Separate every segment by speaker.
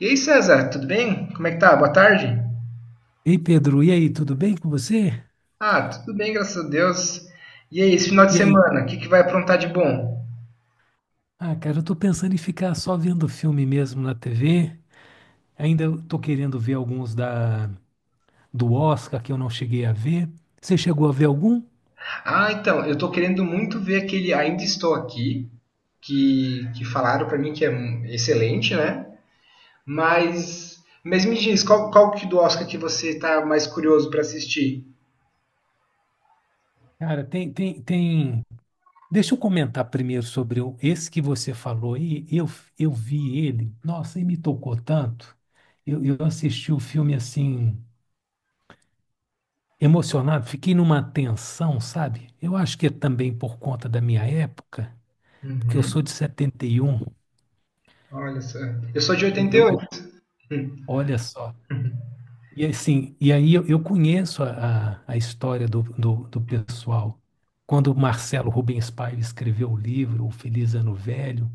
Speaker 1: E aí, César, tudo bem? Como é que tá? Boa tarde.
Speaker 2: Ei, Pedro, e aí, tudo bem com você?
Speaker 1: Ah, tudo bem, graças a Deus. E aí, esse final de
Speaker 2: E aí?
Speaker 1: semana, o que que vai aprontar de bom?
Speaker 2: Ah, cara, eu tô pensando em ficar só vendo filme mesmo na TV. Ainda eu tô querendo ver alguns da do Oscar que eu não cheguei a ver. Você chegou a ver algum?
Speaker 1: Ah, então, eu tô querendo muito ver aquele Ainda Estou Aqui, que falaram pra mim que é excelente, né? Mas me diz, qual que do Oscar que você tá mais curioso pra assistir?
Speaker 2: Cara, tem. Deixa eu comentar primeiro sobre esse que você falou. Eu vi ele. Nossa, e me tocou tanto. Eu assisti o filme assim emocionado, fiquei numa tensão, sabe? Eu acho que é também por conta da minha época, porque eu
Speaker 1: Uhum.
Speaker 2: sou de 71.
Speaker 1: Olha só, eu sou de
Speaker 2: E Eu, eu-
Speaker 1: 88. Hum.
Speaker 2: Olha só. E assim, e aí eu conheço a, a história do pessoal. Quando o Marcelo Rubens Paiva escreveu o livro O Feliz Ano Velho,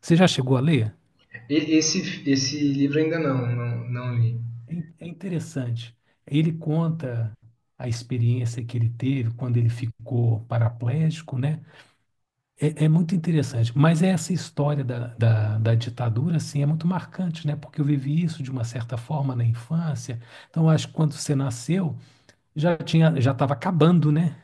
Speaker 2: você já chegou a ler?
Speaker 1: E- Esse, Esse livro ainda não li.
Speaker 2: É, é interessante. Ele conta a experiência que ele teve quando ele ficou paraplégico, né? É, é muito interessante. Mas essa história da, da ditadura, assim, é muito marcante, né? Porque eu vivi isso de uma certa forma na infância. Então, eu acho que quando você nasceu já tinha, já estava acabando, né?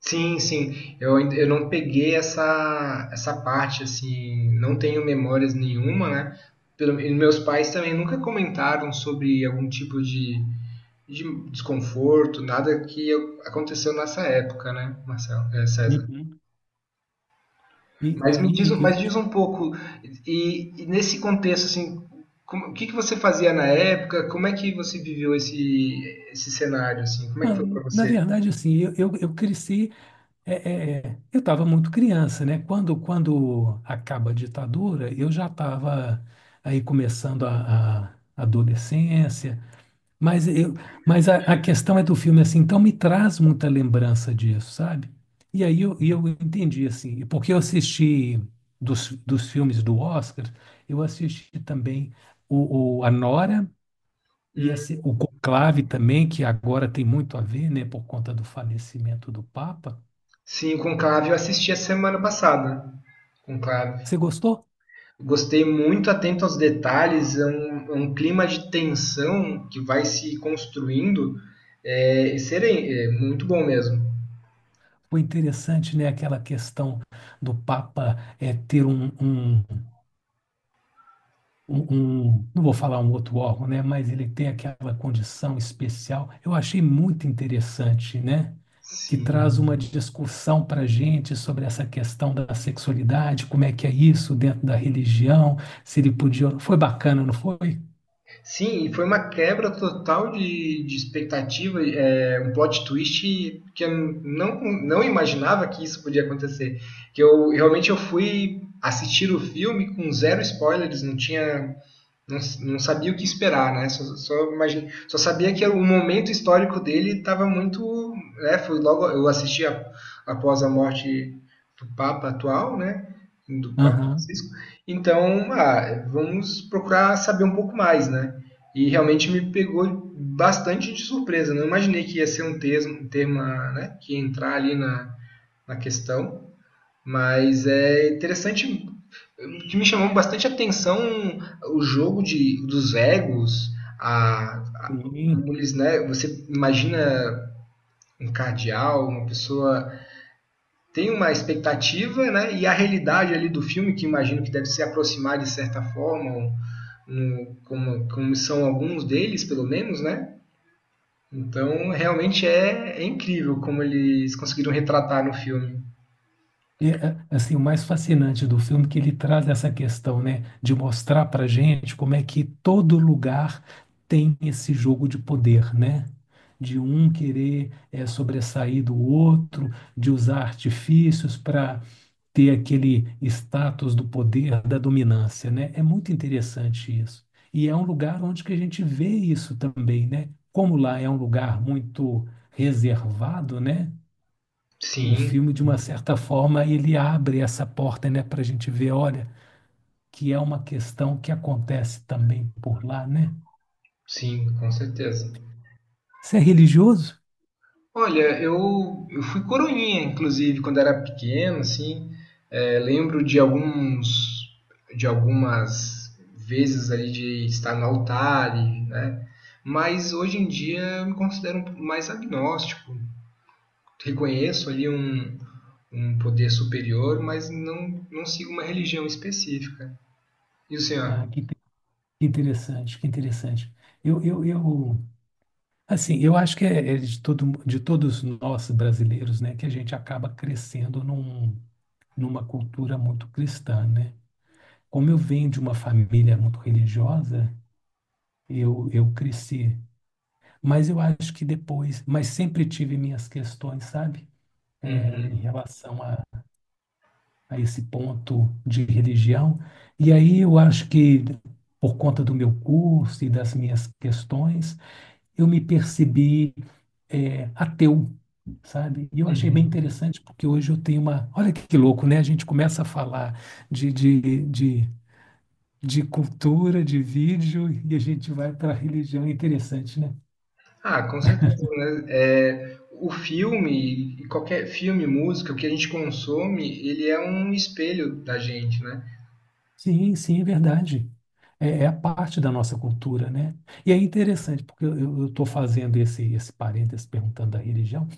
Speaker 1: Sim, sim. Eu não peguei essa parte, assim, não tenho memórias nenhuma, né? Pelo, e meus pais também nunca comentaram sobre algum tipo de desconforto, nada que aconteceu nessa época, né, César?
Speaker 2: Uhum. E
Speaker 1: Mas me diz,
Speaker 2: aí, eu,
Speaker 1: mas diz um pouco, e nesse contexto, assim, como- o que que você fazia na época? Como é que você viveu esse cenário, assim? Como é que foi para
Speaker 2: na
Speaker 1: você?
Speaker 2: verdade, assim, eu cresci, eu estava muito criança, né? Quando acaba a ditadura, eu já estava aí começando a adolescência, mas, eu, mas a questão é do filme, assim, então me traz muita lembrança disso, sabe? E eu entendi, assim, porque eu assisti dos, dos filmes do Oscar, eu assisti também o A Nora, e
Speaker 1: Hum.
Speaker 2: assim, o Conclave também, que agora tem muito a ver, né, por conta do falecimento do Papa.
Speaker 1: Sim, o Conclave eu assisti a semana passada. Conclave.
Speaker 2: Você gostou?
Speaker 1: Gostei muito, atento aos detalhes, é é um clima de tensão que vai se construindo. É, serem, é muito bom mesmo.
Speaker 2: Foi interessante, né, aquela questão do Papa ter um, um não vou falar um outro órgão, né, mas ele tem aquela condição especial. Eu achei muito interessante, né, que traz uma
Speaker 1: Sim.
Speaker 2: discussão para a gente sobre essa questão da sexualidade, como é que é isso dentro da religião, se ele podia. Foi bacana, não foi?
Speaker 1: Sim, e foi uma quebra total de expectativa, é, um plot twist que eu não, não imaginava que isso podia acontecer. Que eu realmente eu fui assistir o filme com zero spoilers, não, não sabia o que esperar, né? Só, só, imagine, só sabia que o momento histórico dele estava muito. Né? Foi logo. Após a morte do Papa atual, né? Do Papa
Speaker 2: Aham.
Speaker 1: Francisco. Então, ah, vamos procurar saber um pouco mais, né? E realmente me pegou bastante de surpresa. Não imaginei que ia ser um termo, um tema, né? Que ia entrar ali na questão. Mas é interessante. Que me chamou bastante atenção o jogo dos egos, a, a-
Speaker 2: Sim.
Speaker 1: como eles, né? Você imagina um cardeal, uma pessoa tem uma expectativa, né? E a realidade ali do filme, que imagino que deve se aproximar de certa forma, como são alguns deles, pelo menos, né? Então, realmente é, é incrível como eles conseguiram retratar no filme.
Speaker 2: E, é, assim, o mais fascinante do filme é que ele traz essa questão, né, de mostrar para gente como é que todo lugar tem esse jogo de poder, né? De um querer sobressair do outro, de usar artifícios para ter aquele status do poder, da dominância, né? É muito interessante isso. E é um lugar onde que a gente vê isso também, né? Como lá é um lugar muito reservado, né? O
Speaker 1: Sim,
Speaker 2: filme, de uma certa forma, ele abre essa porta, né, para a gente ver, olha, que é uma questão que acontece também por lá, né?
Speaker 1: sim, com certeza.
Speaker 2: Você é religioso?
Speaker 1: Olha, eu fui coroinha, inclusive, quando era pequeno, assim. É, de algumas vezes ali de estar no altar, e, né? Mas hoje em dia eu me considero um mais agnóstico. Reconheço ali um poder superior, mas não sigo uma religião específica. E o
Speaker 2: Ah,
Speaker 1: senhor?
Speaker 2: que interessante, que interessante. Eu, eu, eu, assim, eu acho que é, é de todo, de todos nós brasileiros, né, que a gente acaba crescendo num, numa cultura muito cristã, né? Como eu venho de uma família muito religiosa, eu cresci. Mas eu acho que depois, mas sempre tive minhas questões, sabe? Em
Speaker 1: Uhum,
Speaker 2: relação a esse ponto de religião. E aí eu acho que, por conta do meu curso e das minhas questões, eu me percebi ateu, sabe? E eu achei bem
Speaker 1: uhum.
Speaker 2: interessante, porque hoje eu tenho uma. Olha que louco, né? A gente começa a falar de, de, de, de cultura, de vídeo, e a gente vai para a religião. É interessante, né?
Speaker 1: Ah, com certeza, né? É, o filme, e qualquer filme, música, o que a gente consome, ele é um espelho da gente, né?
Speaker 2: Sim, sim, é verdade. É, é a parte da nossa cultura, né? E é interessante, porque eu estou fazendo esse, esse parênteses perguntando da religião,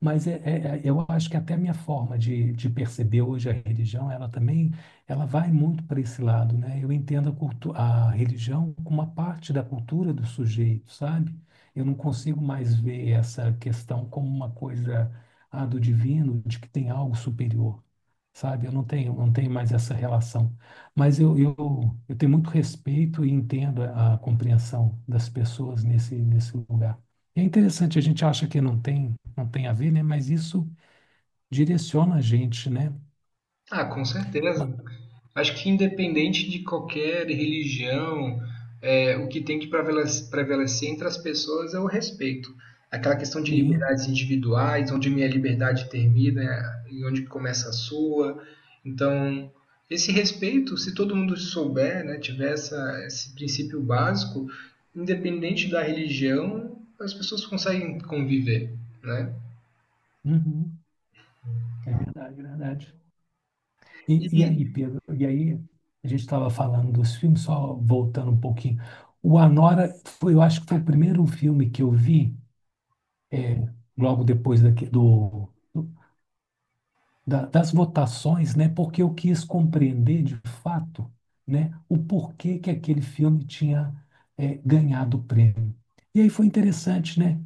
Speaker 2: mas eu acho que até a minha forma de perceber hoje a religião, ela também, ela vai muito para esse lado, né? Eu entendo a, cultu a religião como uma parte da cultura do sujeito, sabe? Eu não consigo mais ver essa questão como uma coisa, ah, do divino, de que tem algo superior sabe? Eu não tenho mais essa relação. Mas eu, eu, eu tenho muito respeito e entendo a compreensão das pessoas nesse, nesse lugar. É interessante, a gente acha que não tem a ver, né? Mas isso direciona a gente, né?
Speaker 1: Ah, com
Speaker 2: Ma-
Speaker 1: certeza. Acho que independente de qualquer religião, é, o que tem que prevalecer entre as pessoas é o respeito. Aquela questão de
Speaker 2: Sim,
Speaker 1: liberdades individuais, onde minha liberdade termina e onde começa a sua. Então, esse respeito, se todo mundo souber, né, tiver essa, esse princípio básico, independente da religião, as pessoas conseguem conviver, né?
Speaker 2: uhum, é verdade, é verdade. E aí,
Speaker 1: E,
Speaker 2: Pedro, e aí a gente estava falando dos filmes, só voltando um pouquinho. O Anora foi, eu acho que foi o primeiro filme que eu vi, é, logo depois daqui, do- das votações, né? Porque eu quis compreender de fato, né, o porquê que aquele filme tinha ganhado o prêmio. E aí foi interessante, né?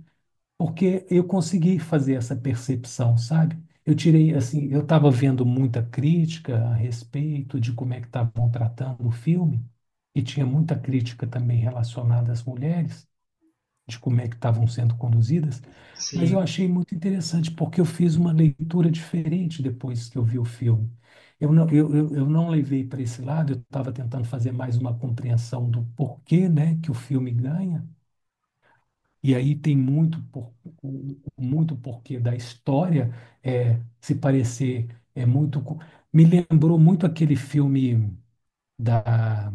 Speaker 2: Porque eu consegui fazer essa percepção, sabe? Eu tirei assim, eu estava vendo muita crítica a respeito de como é que estavam tratando o filme, e tinha muita crítica também relacionada às mulheres de como é que estavam sendo conduzidas, mas
Speaker 1: sim,
Speaker 2: eu achei muito interessante porque eu fiz uma leitura diferente depois que eu vi o filme. Eu não levei para esse lado, eu estava tentando fazer mais uma compreensão do porquê, né, que o filme ganha, e aí tem muito, muito porquê da história se parecer é muito... Me lembrou muito aquele filme da,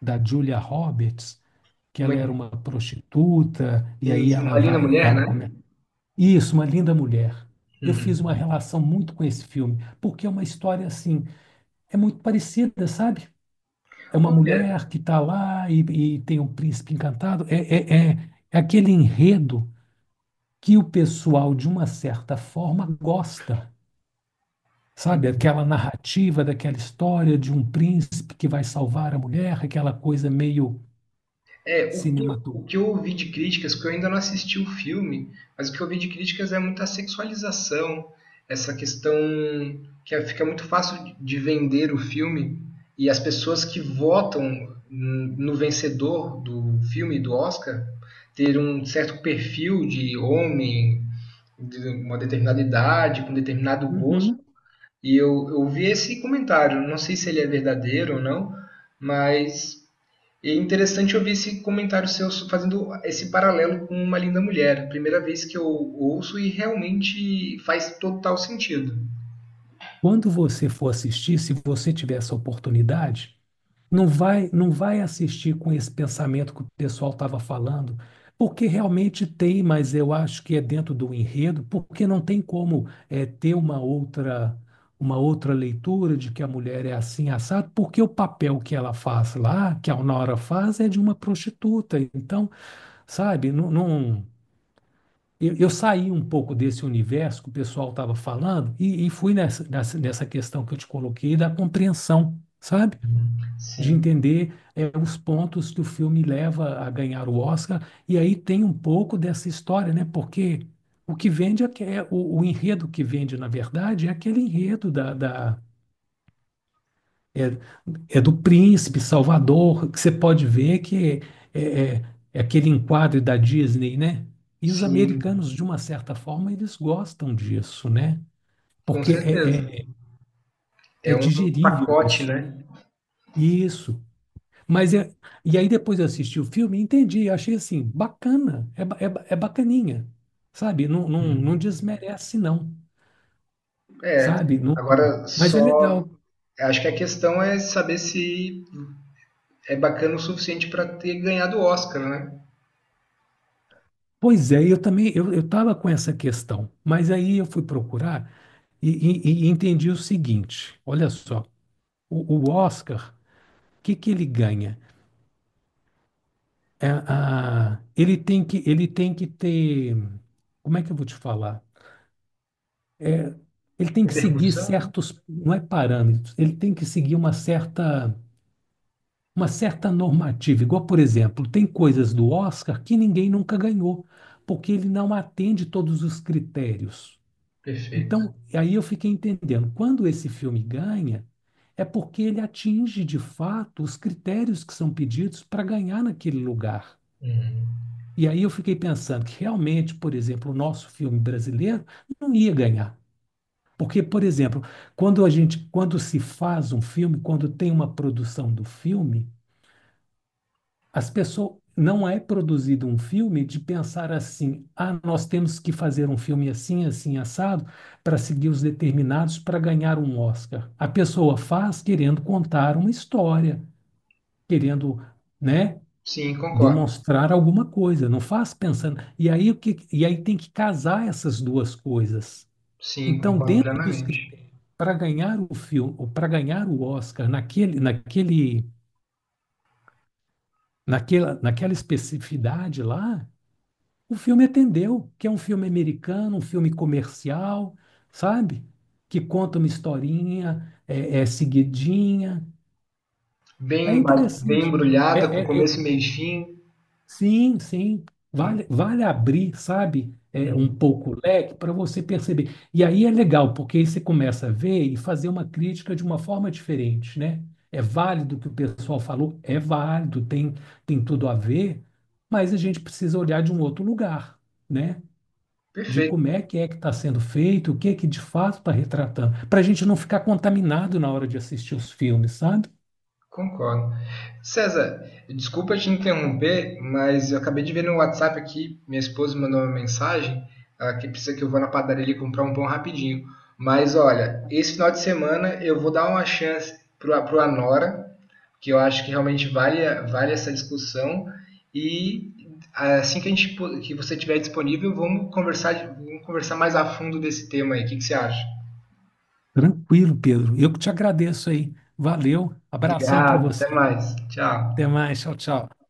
Speaker 2: da Julia Roberts, que
Speaker 1: uma,
Speaker 2: ela era uma prostituta, e aí
Speaker 1: sim,
Speaker 2: ela
Speaker 1: uma linda
Speaker 2: vai,
Speaker 1: mulher,
Speaker 2: ela
Speaker 1: né?
Speaker 2: come, isso, Uma Linda Mulher. Eu fiz uma
Speaker 1: Uhum.
Speaker 2: relação muito com esse filme, porque é uma história assim, é muito parecida, sabe? É uma
Speaker 1: Olha,
Speaker 2: mulher que está lá e tem um príncipe encantado. É aquele enredo que o pessoal, de uma certa forma, gosta, sabe? Aquela narrativa daquela história de um príncipe que vai salvar a mulher, aquela coisa meio
Speaker 1: é, o
Speaker 2: cinematográfica.
Speaker 1: que eu ouvi de críticas, porque eu ainda não assisti o filme, mas o que eu ouvi de críticas é muita sexualização, essa questão que fica muito fácil de vender o filme e as pessoas que votam no vencedor do filme, do Oscar, ter um certo perfil de homem, de uma determinada idade, com determinado gosto.
Speaker 2: Uhum.
Speaker 1: E eu vi esse comentário, não sei se ele é verdadeiro ou não, mas e é interessante ouvir esse comentário seu fazendo esse paralelo com Uma Linda Mulher. Primeira vez que eu ouço e realmente faz total sentido.
Speaker 2: Quando você for assistir, se você tiver essa oportunidade, não vai assistir com esse pensamento que o pessoal estava falando, porque realmente tem, mas eu acho que é dentro do enredo, porque não tem como ter uma outra leitura de que a mulher é assim assado, porque o papel que ela faz lá, que a Nora faz, é de uma prostituta. Então, sabe, eu saí um pouco desse universo que o pessoal estava falando e fui nessa questão que eu te coloquei da compreensão, sabe? De
Speaker 1: Sim.
Speaker 2: entender os pontos que o filme leva a ganhar o Oscar, e aí tem um pouco dessa história, né? Porque o que vende o enredo que vende, na verdade, é aquele enredo é, do príncipe Salvador, que você pode ver que é aquele enquadro da Disney, né? E os
Speaker 1: Sim,
Speaker 2: americanos, de uma certa forma, eles gostam disso, né?
Speaker 1: com
Speaker 2: Porque
Speaker 1: certeza.
Speaker 2: é
Speaker 1: É um
Speaker 2: digerível
Speaker 1: pacote,
Speaker 2: isso, né?
Speaker 1: né?
Speaker 2: Isso. Mas é, e aí depois eu assisti o filme e entendi, achei assim, bacana, é bacaninha, sabe? Não desmerece não,
Speaker 1: É.
Speaker 2: sabe? Não,
Speaker 1: Agora
Speaker 2: mas é
Speaker 1: só
Speaker 2: legal.
Speaker 1: acho que a questão é saber se é bacana o suficiente para ter ganhado o Oscar, né?
Speaker 2: Pois é, eu também, eu tava com essa questão, mas aí eu fui procurar e, e entendi o seguinte, olha só, o Oscar, o que que ele ganha? Ele tem que ter, como é que eu vou te falar? Ele tem que seguir
Speaker 1: Repercussão?
Speaker 2: certos, não é parâmetros, ele tem que seguir uma certa normativa. Igual, por exemplo, tem coisas do Oscar que ninguém nunca ganhou, porque ele não atende todos os critérios.
Speaker 1: Perfeito.
Speaker 2: Então, aí eu fiquei entendendo, quando esse filme ganha, é porque ele atinge de fato os critérios que são pedidos para ganhar naquele lugar.
Speaker 1: Uhum.
Speaker 2: E aí eu fiquei pensando que realmente, por exemplo, o nosso filme brasileiro não ia ganhar. Porque, por exemplo, quando a gente, quando se faz um filme, quando tem uma produção do filme, as pessoas não é produzido um filme de pensar assim, ah, nós temos que fazer um filme assim, assim, assado, para seguir os determinados para ganhar um Oscar. A pessoa faz querendo contar uma história, querendo, né,
Speaker 1: Sim, concordo.
Speaker 2: demonstrar alguma coisa, não faz pensando. E aí o que, e aí tem que casar essas duas coisas.
Speaker 1: Sim,
Speaker 2: Então,
Speaker 1: concordo
Speaker 2: dentro dos
Speaker 1: plenamente.
Speaker 2: critérios para ganhar o filme, ou para ganhar o Oscar naquela especificidade lá, o filme atendeu, que é um filme americano, um filme comercial, sabe? Que conta uma historinha, seguidinha. É
Speaker 1: Bem, bem
Speaker 2: interessante. É,
Speaker 1: embrulhada, com
Speaker 2: é- é-
Speaker 1: começo, meio e fim.
Speaker 2: sim, sim. Vale, vale abrir, sabe? É, um
Speaker 1: Uhum.
Speaker 2: pouco o leque para você perceber. E aí é legal, porque aí você começa a ver e fazer uma crítica de uma forma diferente, né? É válido o que o pessoal falou, é válido, tem, tem tudo a ver, mas a gente precisa olhar de um outro lugar, né? De
Speaker 1: Perfeito,
Speaker 2: como é que está sendo feito, o que é que de fato está retratando, para a gente não ficar contaminado na hora de assistir os filmes, sabe?
Speaker 1: concordo. César, desculpa te interromper, mas eu acabei de ver no WhatsApp aqui, minha esposa mandou uma mensagem, ah, que precisa que eu vá na padaria ali comprar um pão rapidinho. Mas olha, esse final de semana eu vou dar uma chance pro Anora, que eu acho que realmente vale, vale essa discussão. E assim que a gente que você tiver disponível, vamos conversar, vamos conversar mais a fundo desse tema aí. O que que você acha?
Speaker 2: Tranquilo, Pedro. Eu que te agradeço aí. Valeu. Abração para
Speaker 1: Obrigado,
Speaker 2: você.
Speaker 1: até mais. Tchau.
Speaker 2: Até mais. Tchau, tchau.